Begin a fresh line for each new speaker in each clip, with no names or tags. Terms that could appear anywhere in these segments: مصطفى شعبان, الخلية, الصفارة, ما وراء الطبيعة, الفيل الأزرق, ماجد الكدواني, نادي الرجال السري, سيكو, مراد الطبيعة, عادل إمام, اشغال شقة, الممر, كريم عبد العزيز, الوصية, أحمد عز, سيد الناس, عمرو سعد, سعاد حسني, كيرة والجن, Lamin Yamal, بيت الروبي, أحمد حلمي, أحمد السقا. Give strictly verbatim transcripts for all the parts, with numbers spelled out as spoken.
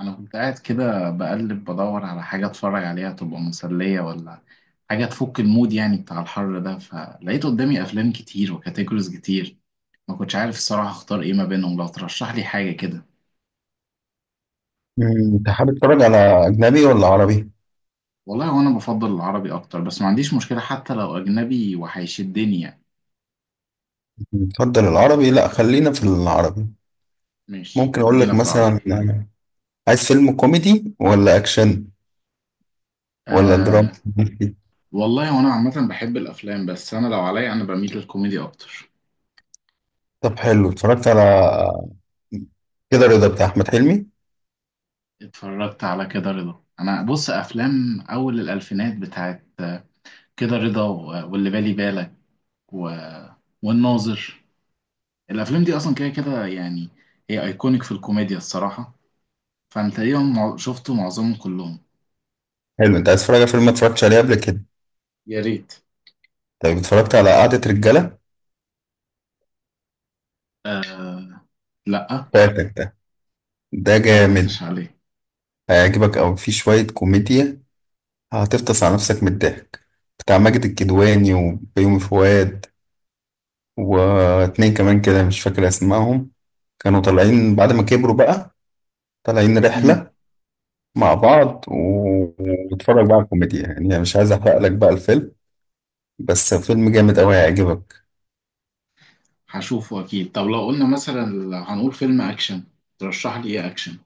انا كنت قاعد كده بقلب بدور على حاجه اتفرج عليها تبقى مسليه، ولا حاجه تفك المود، يعني بتاع الحر ده. فلقيت قدامي افلام كتير وكاتيجوريز كتير، ما كنتش عارف الصراحه اختار ايه ما بينهم، لو ترشح لي حاجه كده.
مم، انت حابب تتفرج على اجنبي ولا عربي؟
والله وانا بفضل العربي اكتر، بس ما عنديش مشكله حتى لو اجنبي وهيشدني يعني.
تفضل العربي، لا خلينا في العربي.
ماشي،
ممكن اقول
خلينا
لك
في العربي.
مثلا عايز فيلم كوميدي ولا اكشن ولا دراما؟
آه. والله وانا عامه بحب الافلام، بس انا لو عليا انا بميل للكوميدي اكتر.
طب حلو، اتفرجت على كده رضا بتاع احمد حلمي؟
اتفرجت على كده رضا، انا بص افلام اول الالفينات بتاعت كده رضا، و- واللي بالي بالك و... والناظر. الافلام دي اصلا كده كده يعني، هي ايكونيك في الكوميديا الصراحه. فانا تقريبا مع- شفته معظمهم كلهم.
حلو، انت عايز تتفرج على فيلم ما اتفرجتش عليه قبل كده؟
يا ريت.
طيب اتفرجت على قعدة رجالة؟
لا،
فاتك ده،
ما
ده جامد،
اتفرجتش عليه.
هيعجبك او فيه شوية كوميديا هتفطس على نفسك من الضحك، بتاع ماجد الكدواني وبيومي فؤاد واتنين كمان كده مش فاكر اسمائهم، كانوا طالعين بعد ما كبروا بقى، طالعين
امم
رحلة مع بعض و- واتفرج بقى على الكوميديا، يعني أنا مش عايز احرق لك بقى الفيلم، بس فيلم جامد قوي هيعجبك.
هشوفه اكيد. طب لو قلنا مثلا، هنقول فيلم اكشن، ترشح لي ايه اكشن؟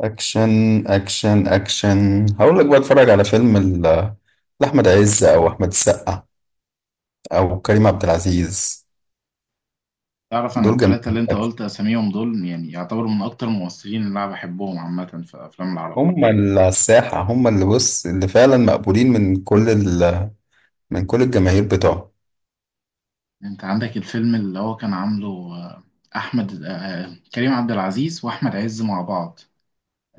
اكشن، اكشن اكشن هقول لك بقى اتفرج على فيلم ال- لاحمد عز او احمد السقا او كريم عبد العزيز.
تعرف انا
دول جامدين
التلاته
في
اللي انت
الأكشن.
قلت اساميهم دول يعني يعتبروا من اكتر الممثلين اللي انا بحبهم عامه في افلام العرب.
هم اللي على الساحة، هم اللي بص اللي فعلا مقبولين من كل ال... من كل الجماهير بتوعهم.
انت عندك الفيلم اللي هو كان عامله آه، احمد، آه، آه، كريم عبد العزيز واحمد عز مع بعض.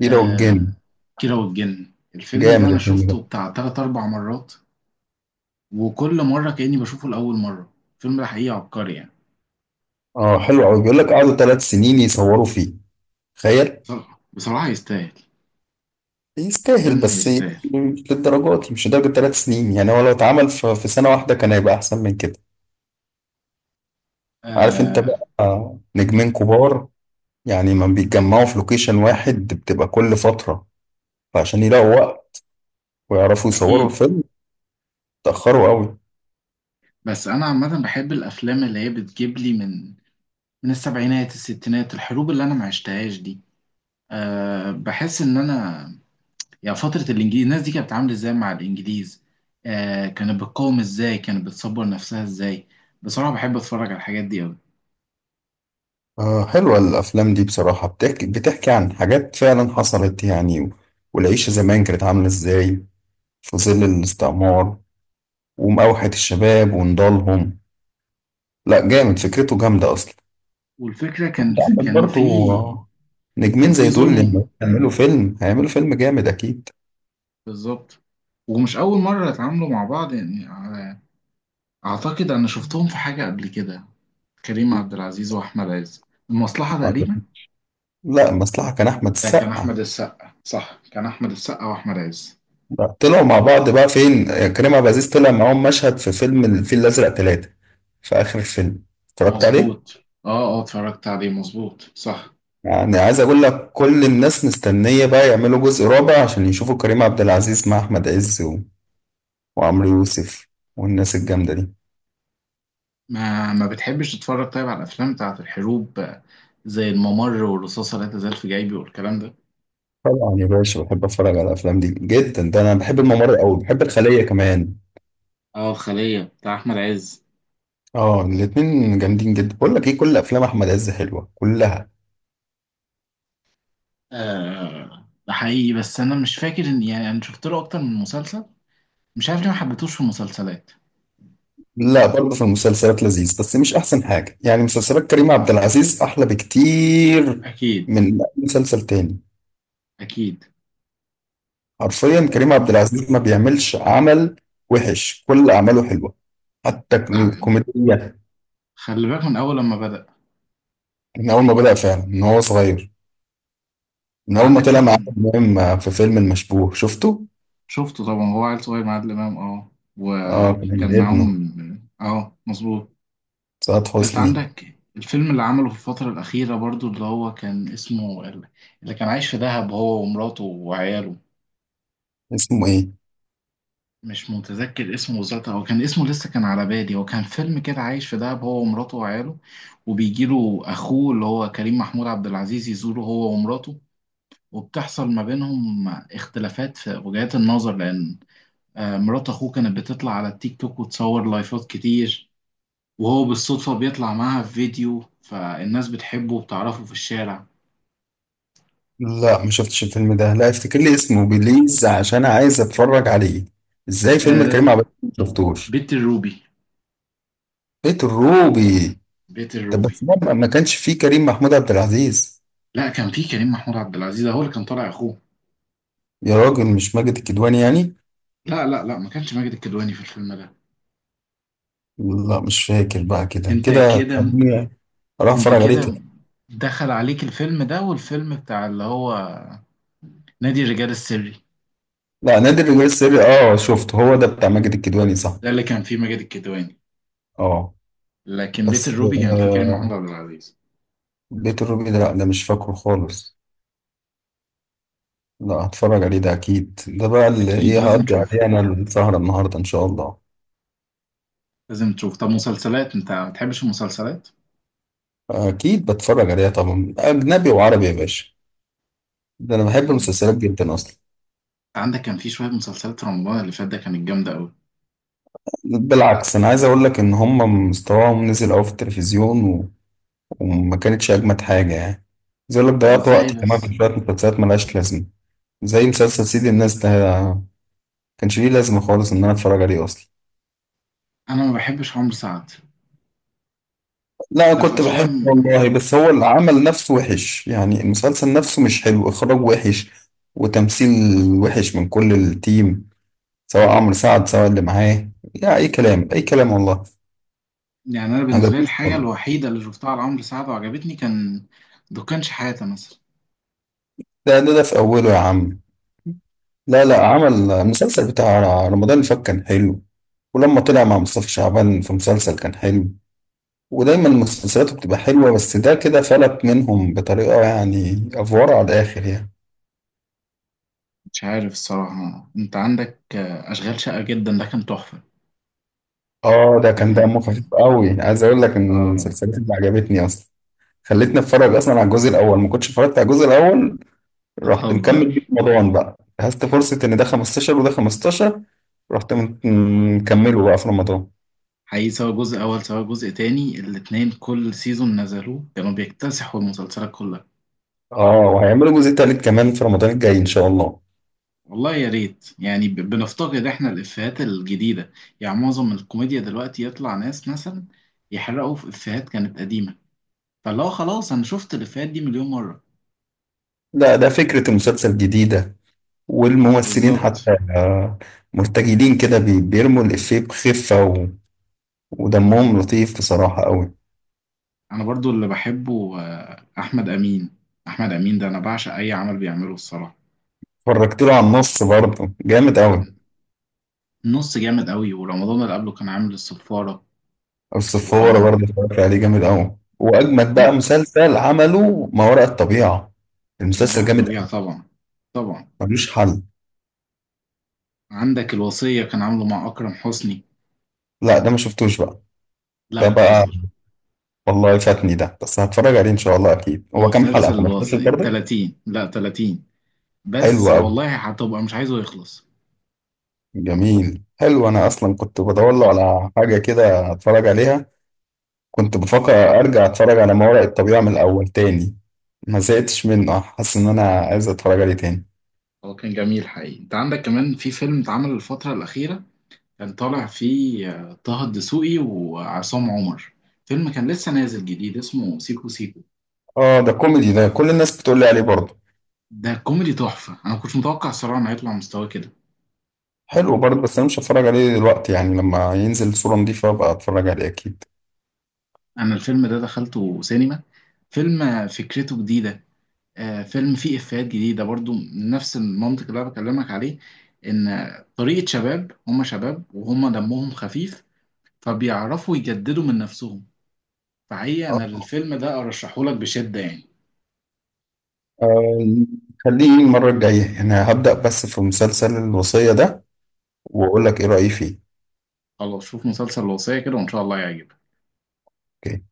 كيرة والجن،
كيرة والجن، الفيلم ده
جامد
انا
الفيلم ده.
شفته بتاع تلات اربع مرات، وكل مره كاني بشوفه لاول مره. الفيلم ده حقيقي عبقري يعني.
اه حلو قوي، بيقول لك قعدوا ثلاث سنين يصوروا فيه، تخيل.
بصراحه، بصراحة يستاهل.
يستاهل
الفيلم
بس إيه؟
يستاهل.
مش للدرجات، مش لدرجة ثلاث سنين، يعني هو لو اتعمل في في سنة واحدة كان هيبقى أحسن من كده. عارف أنت
آه،
بقى، آه، نجمين كبار يعني ما بيتجمعوا في لوكيشن واحد، بتبقى كل فترة، فعشان يلاقوا وقت ويعرفوا يصوروا
اكيد.
الفيلم اتأخروا قوي.
بس انا عامه بحب الافلام اللي هي بتجيب لي من من السبعينات الستينات، الحروب اللي انا ما عشتهاش دي. أه، بحس ان انا يعني فترة الإنجليز، الناس دي كانت بتتعامل إزاي مع الإنجليز؟ آه، كانت بتقاوم إزاي؟ كانت بتصبر نفسها إزاي؟ بصراحة بحب أتفرج على الحاجات دي أوي.
آه حلوة الأفلام دي بصراحة، بتحكي بتحكي عن حاجات فعلا حصلت، يعني و- والعيشة زمان كانت عاملة إزاي في ظل الاستعمار ومأوحة الشباب ونضالهم. لا جامد، فكرته جامدة أصلا.
والفكرة كان
وأنت
في
عندك
كان في
برضو نجمين
كان في
زي دول
ظلم.
لما يعملوا فيلم هيعملوا فيلم جامد أكيد.
بالظبط. ومش أول مرة يتعاملوا مع بعض يعني على- أعتقد أنا شفتهم في حاجة قبل كده، كريم عبد العزيز وأحمد عز، المصلحة تقريبا.
لا المصلحة كان أحمد
ده كان
السقا.
أحمد السقا، صح، كان أحمد السقا وأحمد عز.
لا، طلعوا مع بعض بقى فين؟ كريم عبد العزيز طلع معاهم مشهد في فيلم الفيل الأزرق ثلاثة، في آخر الفيلم، اتفرجت عليه؟
مظبوط، اه. اه اتفرجت عليه، مظبوط صح.
يعني عايز أقول لك كل الناس مستنية بقى يعملوا جزء رابع عشان يشوفوا كريم عبد العزيز مع أحمد عز و- وعمرو يوسف والناس الجامدة دي.
ما ما بتحبش تتفرج طيب على الافلام بتاعت الحروب؟ آه، زي الممر والرصاصه لا تزال في جيبي والكلام ده.
طبعا يا باشا بحب اتفرج على الافلام دي جدا، ده انا بحب الممر قوي، بحب الخليه كمان.
اه، الخليه بتاع احمد عز.
اه الاتنين جامدين جدا، بقول لك ايه، كل افلام احمد عز حلوه كلها.
آه ده حقيقي، بس انا مش فاكر ان يعني انا شفت له اكتر من مسلسل، مش عارف ليه ما حبيتهوش في المسلسلات.
لا برضه في المسلسلات لذيذ بس مش احسن حاجه، يعني مسلسلات كريم عبد العزيز احلى بكتير
اكيد.
من أي مسلسل تاني.
اكيد.
حرفيا كريم عبد العزيز ما بيعملش عمل وحش، كل اعماله حلوه، حتى
ده حقيقي.
الكوميديا.
خلي بالك من اول لما بدأ.
من اول ما بدأ فعلا، من هو صغير، من
كان
اول ما
عندك
طلع مع
فيلم
عادل امام في فيلم المشبوه، شفته؟
شفته طبعا، هو عيل صغير مع عادل امام، اه،
اه كان
وكان
ابنه،
معاهم، اه، مظبوط.
سعاد
انت
حسني.
عندك الفيلم اللي عمله في الفترة الأخيرة برضو، اللي هو كان اسمه، اللي كان عايش في دهب هو ومراته وعياله.
اسمه ايه؟
مش متذكر اسمه بالظبط، هو كان اسمه لسه كان على بالي، هو كان فيلم كده عايش في دهب هو ومراته وعياله، وبيجيله أخوه اللي هو كريم محمود عبد العزيز يزوره هو ومراته، وبتحصل ما بينهم اختلافات في وجهات النظر، لأن آه، مرات أخوه كانت بتطلع على التيك توك وتصور لايفات كتير، وهو بالصدفة بيطلع معاها في فيديو، فالناس بتحبه وبتعرفه في الشارع.
لا ما شفتش الفيلم ده، لا افتكر لي اسمه بليز عشان عايز اتفرج عليه، ازاي فيلم
آه،
كريم عبد العزيز ما شفتوش؟
بيت الروبي.
بيت الروبي.
بيت
طب
الروبي.
بس ده ما ما كانش فيه كريم محمود عبد العزيز؟
لا كان في كريم محمود عبد العزيز، هو اللي كان طالع اخوه.
يا راجل مش ماجد الكدواني يعني؟
لا لا لا، ما كانش ماجد الكدواني في الفيلم ده.
لا مش فاكر بقى، كده
انت
كده
كده.
هتخليني اروح
انت
اتفرج عليه
كده
تاني.
دخل عليك الفيلم ده، والفيلم بتاع اللي هو نادي الرجال السري.
لا نادي الرجال السري اه شفته، هو ده بتاع ماجد الكدواني صح؟
ده اللي كان فيه ماجد الكدواني،
اه.
لكن بيت
بس
الروبي كان فيه كريم محمود
آه،
عبد العزيز.
بيت الروبي ده لا ده مش فاكره خالص. لا هتفرج عليه ده اكيد، ده بقى اللي
اكيد
ايه
لازم
هقضي
تشوفه.
عليه انا السهرة النهاردة ان شاء الله.
لازم تشوف. طب مسلسلات، انت ما بتحبش المسلسلات؟
اكيد بتفرج عليها طبعا، اجنبي وعربي يا باشا، ده انا بحب
انت
المسلسلات جدا اصلا.
عندك كان في شويه مسلسلات في رمضان اللي فات ده كانت جامده قوي.
بالعكس، انا عايز اقول لك ان هم مستواهم نزل قوي في التلفزيون و... وما كانتش اجمد حاجة يعني. عايز اقول لك
طب
ضيعت
ازاي
وقتي كمان
بس؟
في شوية مسلسلات ملهاش لازمة، زي مسلسل سيد الناس ده، كانش ليه لازمة خالص ان انا اتفرج عليه اصلا.
انا ما بحبش عمرو سعد.
لا
ده في
كنت بحبه
افلام،
والله، بس هو العمل نفسه وحش يعني، المسلسل نفسه مش حلو، إخراج وحش وتمثيل وحش من كل التيم، سواء عمرو سعد سواء اللي معاه، لا أي كلام، أي كلام والله،
يعني انا
ما
بالنسبه لي
عجبنيش
الحاجه
خالص.
الوحيده اللي شفتها لعمرو سعد وعجبتني كان دكانش حياته مثلا.
ده ده ده في أوله يا عم. لا لا، عمل المسلسل بتاع رمضان اللي فات كان حلو، ولما طلع مع مصطفى شعبان في مسلسل كان حلو، ودايما مسلسلاته بتبقى حلوة، بس ده كده فلت منهم بطريقة يعني أفوارة على الآخر يعني.
مش عارف الصراحه، انت عندك آه، اشغال شقه، جدا ده كان تحفه.
اه ده
ده
كان
كان
دمه خفيف
كان-
قوي، عايز اقول لك ان من
اه
المسلسلات اللي عجبتني اصلا، خلتني اتفرج اصلا على الجزء الاول، ما كنتش اتفرجت على الجزء الاول، رحت
بتهزر.
مكمل بيه في رمضان بقى، جهزت فرصه ان ده خمستاشر وده خمستاشر. رحت مت- مكمله بقى في رمضان.
حقيقي، سواء جزء اول سواء جزء تاني، الاتنين كل سيزون نزلوه كانوا بيكتسحوا المسلسلات كلها.
اه وهيعملوا جزء تالت كمان في رمضان الجاي ان شاء الله.
والله يا ريت، يعني ب- بنفتقد احنا الافيهات الجديده، يعني معظم الكوميديا دلوقتي يطلع ناس مثلا يحرقوا في افيهات كانت قديمه، فاللي هو خلاص انا شفت الافيهات دي مليون مره.
لا ده فكره المسلسل جديده والممثلين
بالظبط.
حتى، آه، مرتجلين كده، بي- بيرموا الافيه بخفه و... ودمهم لطيف بصراحه قوي.
انا برضو اللي بحبه آه، احمد امين. احمد امين ده انا بعشق اي عمل بيعمله الصراحه.
اتفرجت له على النص برضه جامد قوي.
النص جامد قوي، ورمضان اللي قبله كان عامل الصفاره.
الصفارة
ورمضان
برضه اتفرجت عليه جامد أوي، وأجمد بقى مسلسل عمله ما وراء الطبيعة، المسلسل
مراد
جامد
الطبيعه
أوي،
طبعا. طبعا.
ملوش حل.
عندك الوصيه كان عامله مع اكرم حسني.
لا ده ما شفتوش بقى.
لا
ده بقى،
بتهزر.
والله فاتني ده، بس هتفرج عليه إن شاء الله أكيد، هو كام
مسلسل
حلقة، خمسة عشر
الوصيه
برضه؟
ثلاثين، لا ثلاثين، بس
حلو أوي،
والله هتبقى مش عايزه يخلص.
جميل، حلو. أنا أصلا كنت بدور له على حاجة كده أتفرج عليها، كنت بفكر أرجع أتفرج على ما وراء الطبيعة من الأول تاني، ما زهقتش منه، حاسس إن أنا عايز أتفرج عليه تاني.
هو كان جميل حقيقي. انت عندك كمان في فيلم اتعمل الفتره الاخيره، كان طالع فيه آه، طه الدسوقي وعصام عمر، فيلم كان لسه نازل جديد اسمه سيكو سيكو.
آه ده كوميدي، ده كل الناس بتقول لي عليه برضه.
ده كوميدي تحفة، أنا ما كنتش متوقع الصراحة إنه هيطلع مستوى كده.
حلو برضه بس انا مش هتفرج عليه دلوقتي، يعني لما ينزل صورة نضيفة بقى اتفرج عليه اكيد.
أنا الفيلم ده دخلته سينما. فيلم آه، فكرته جديدة، آه، فيلم فيه إفيهات جديدة برضو من نفس المنطق اللي أنا بكلمك عليه، إن آه، طريقة شباب، هما شباب وهما دمهم خفيف، فبيعرفوا يجددوا من نفسهم. فحقيقة أنا
آه.
الفيلم ده أرشحهولك بشدة يعني.
آه، خليه المرة الجاية، يعني هبدأ بس في مسلسل الوصية ده واقول لك ايه رأيي فيه.
خلاص، شوف مسلسل الوصية كده وإن شاء الله يعجبك.
أوكي.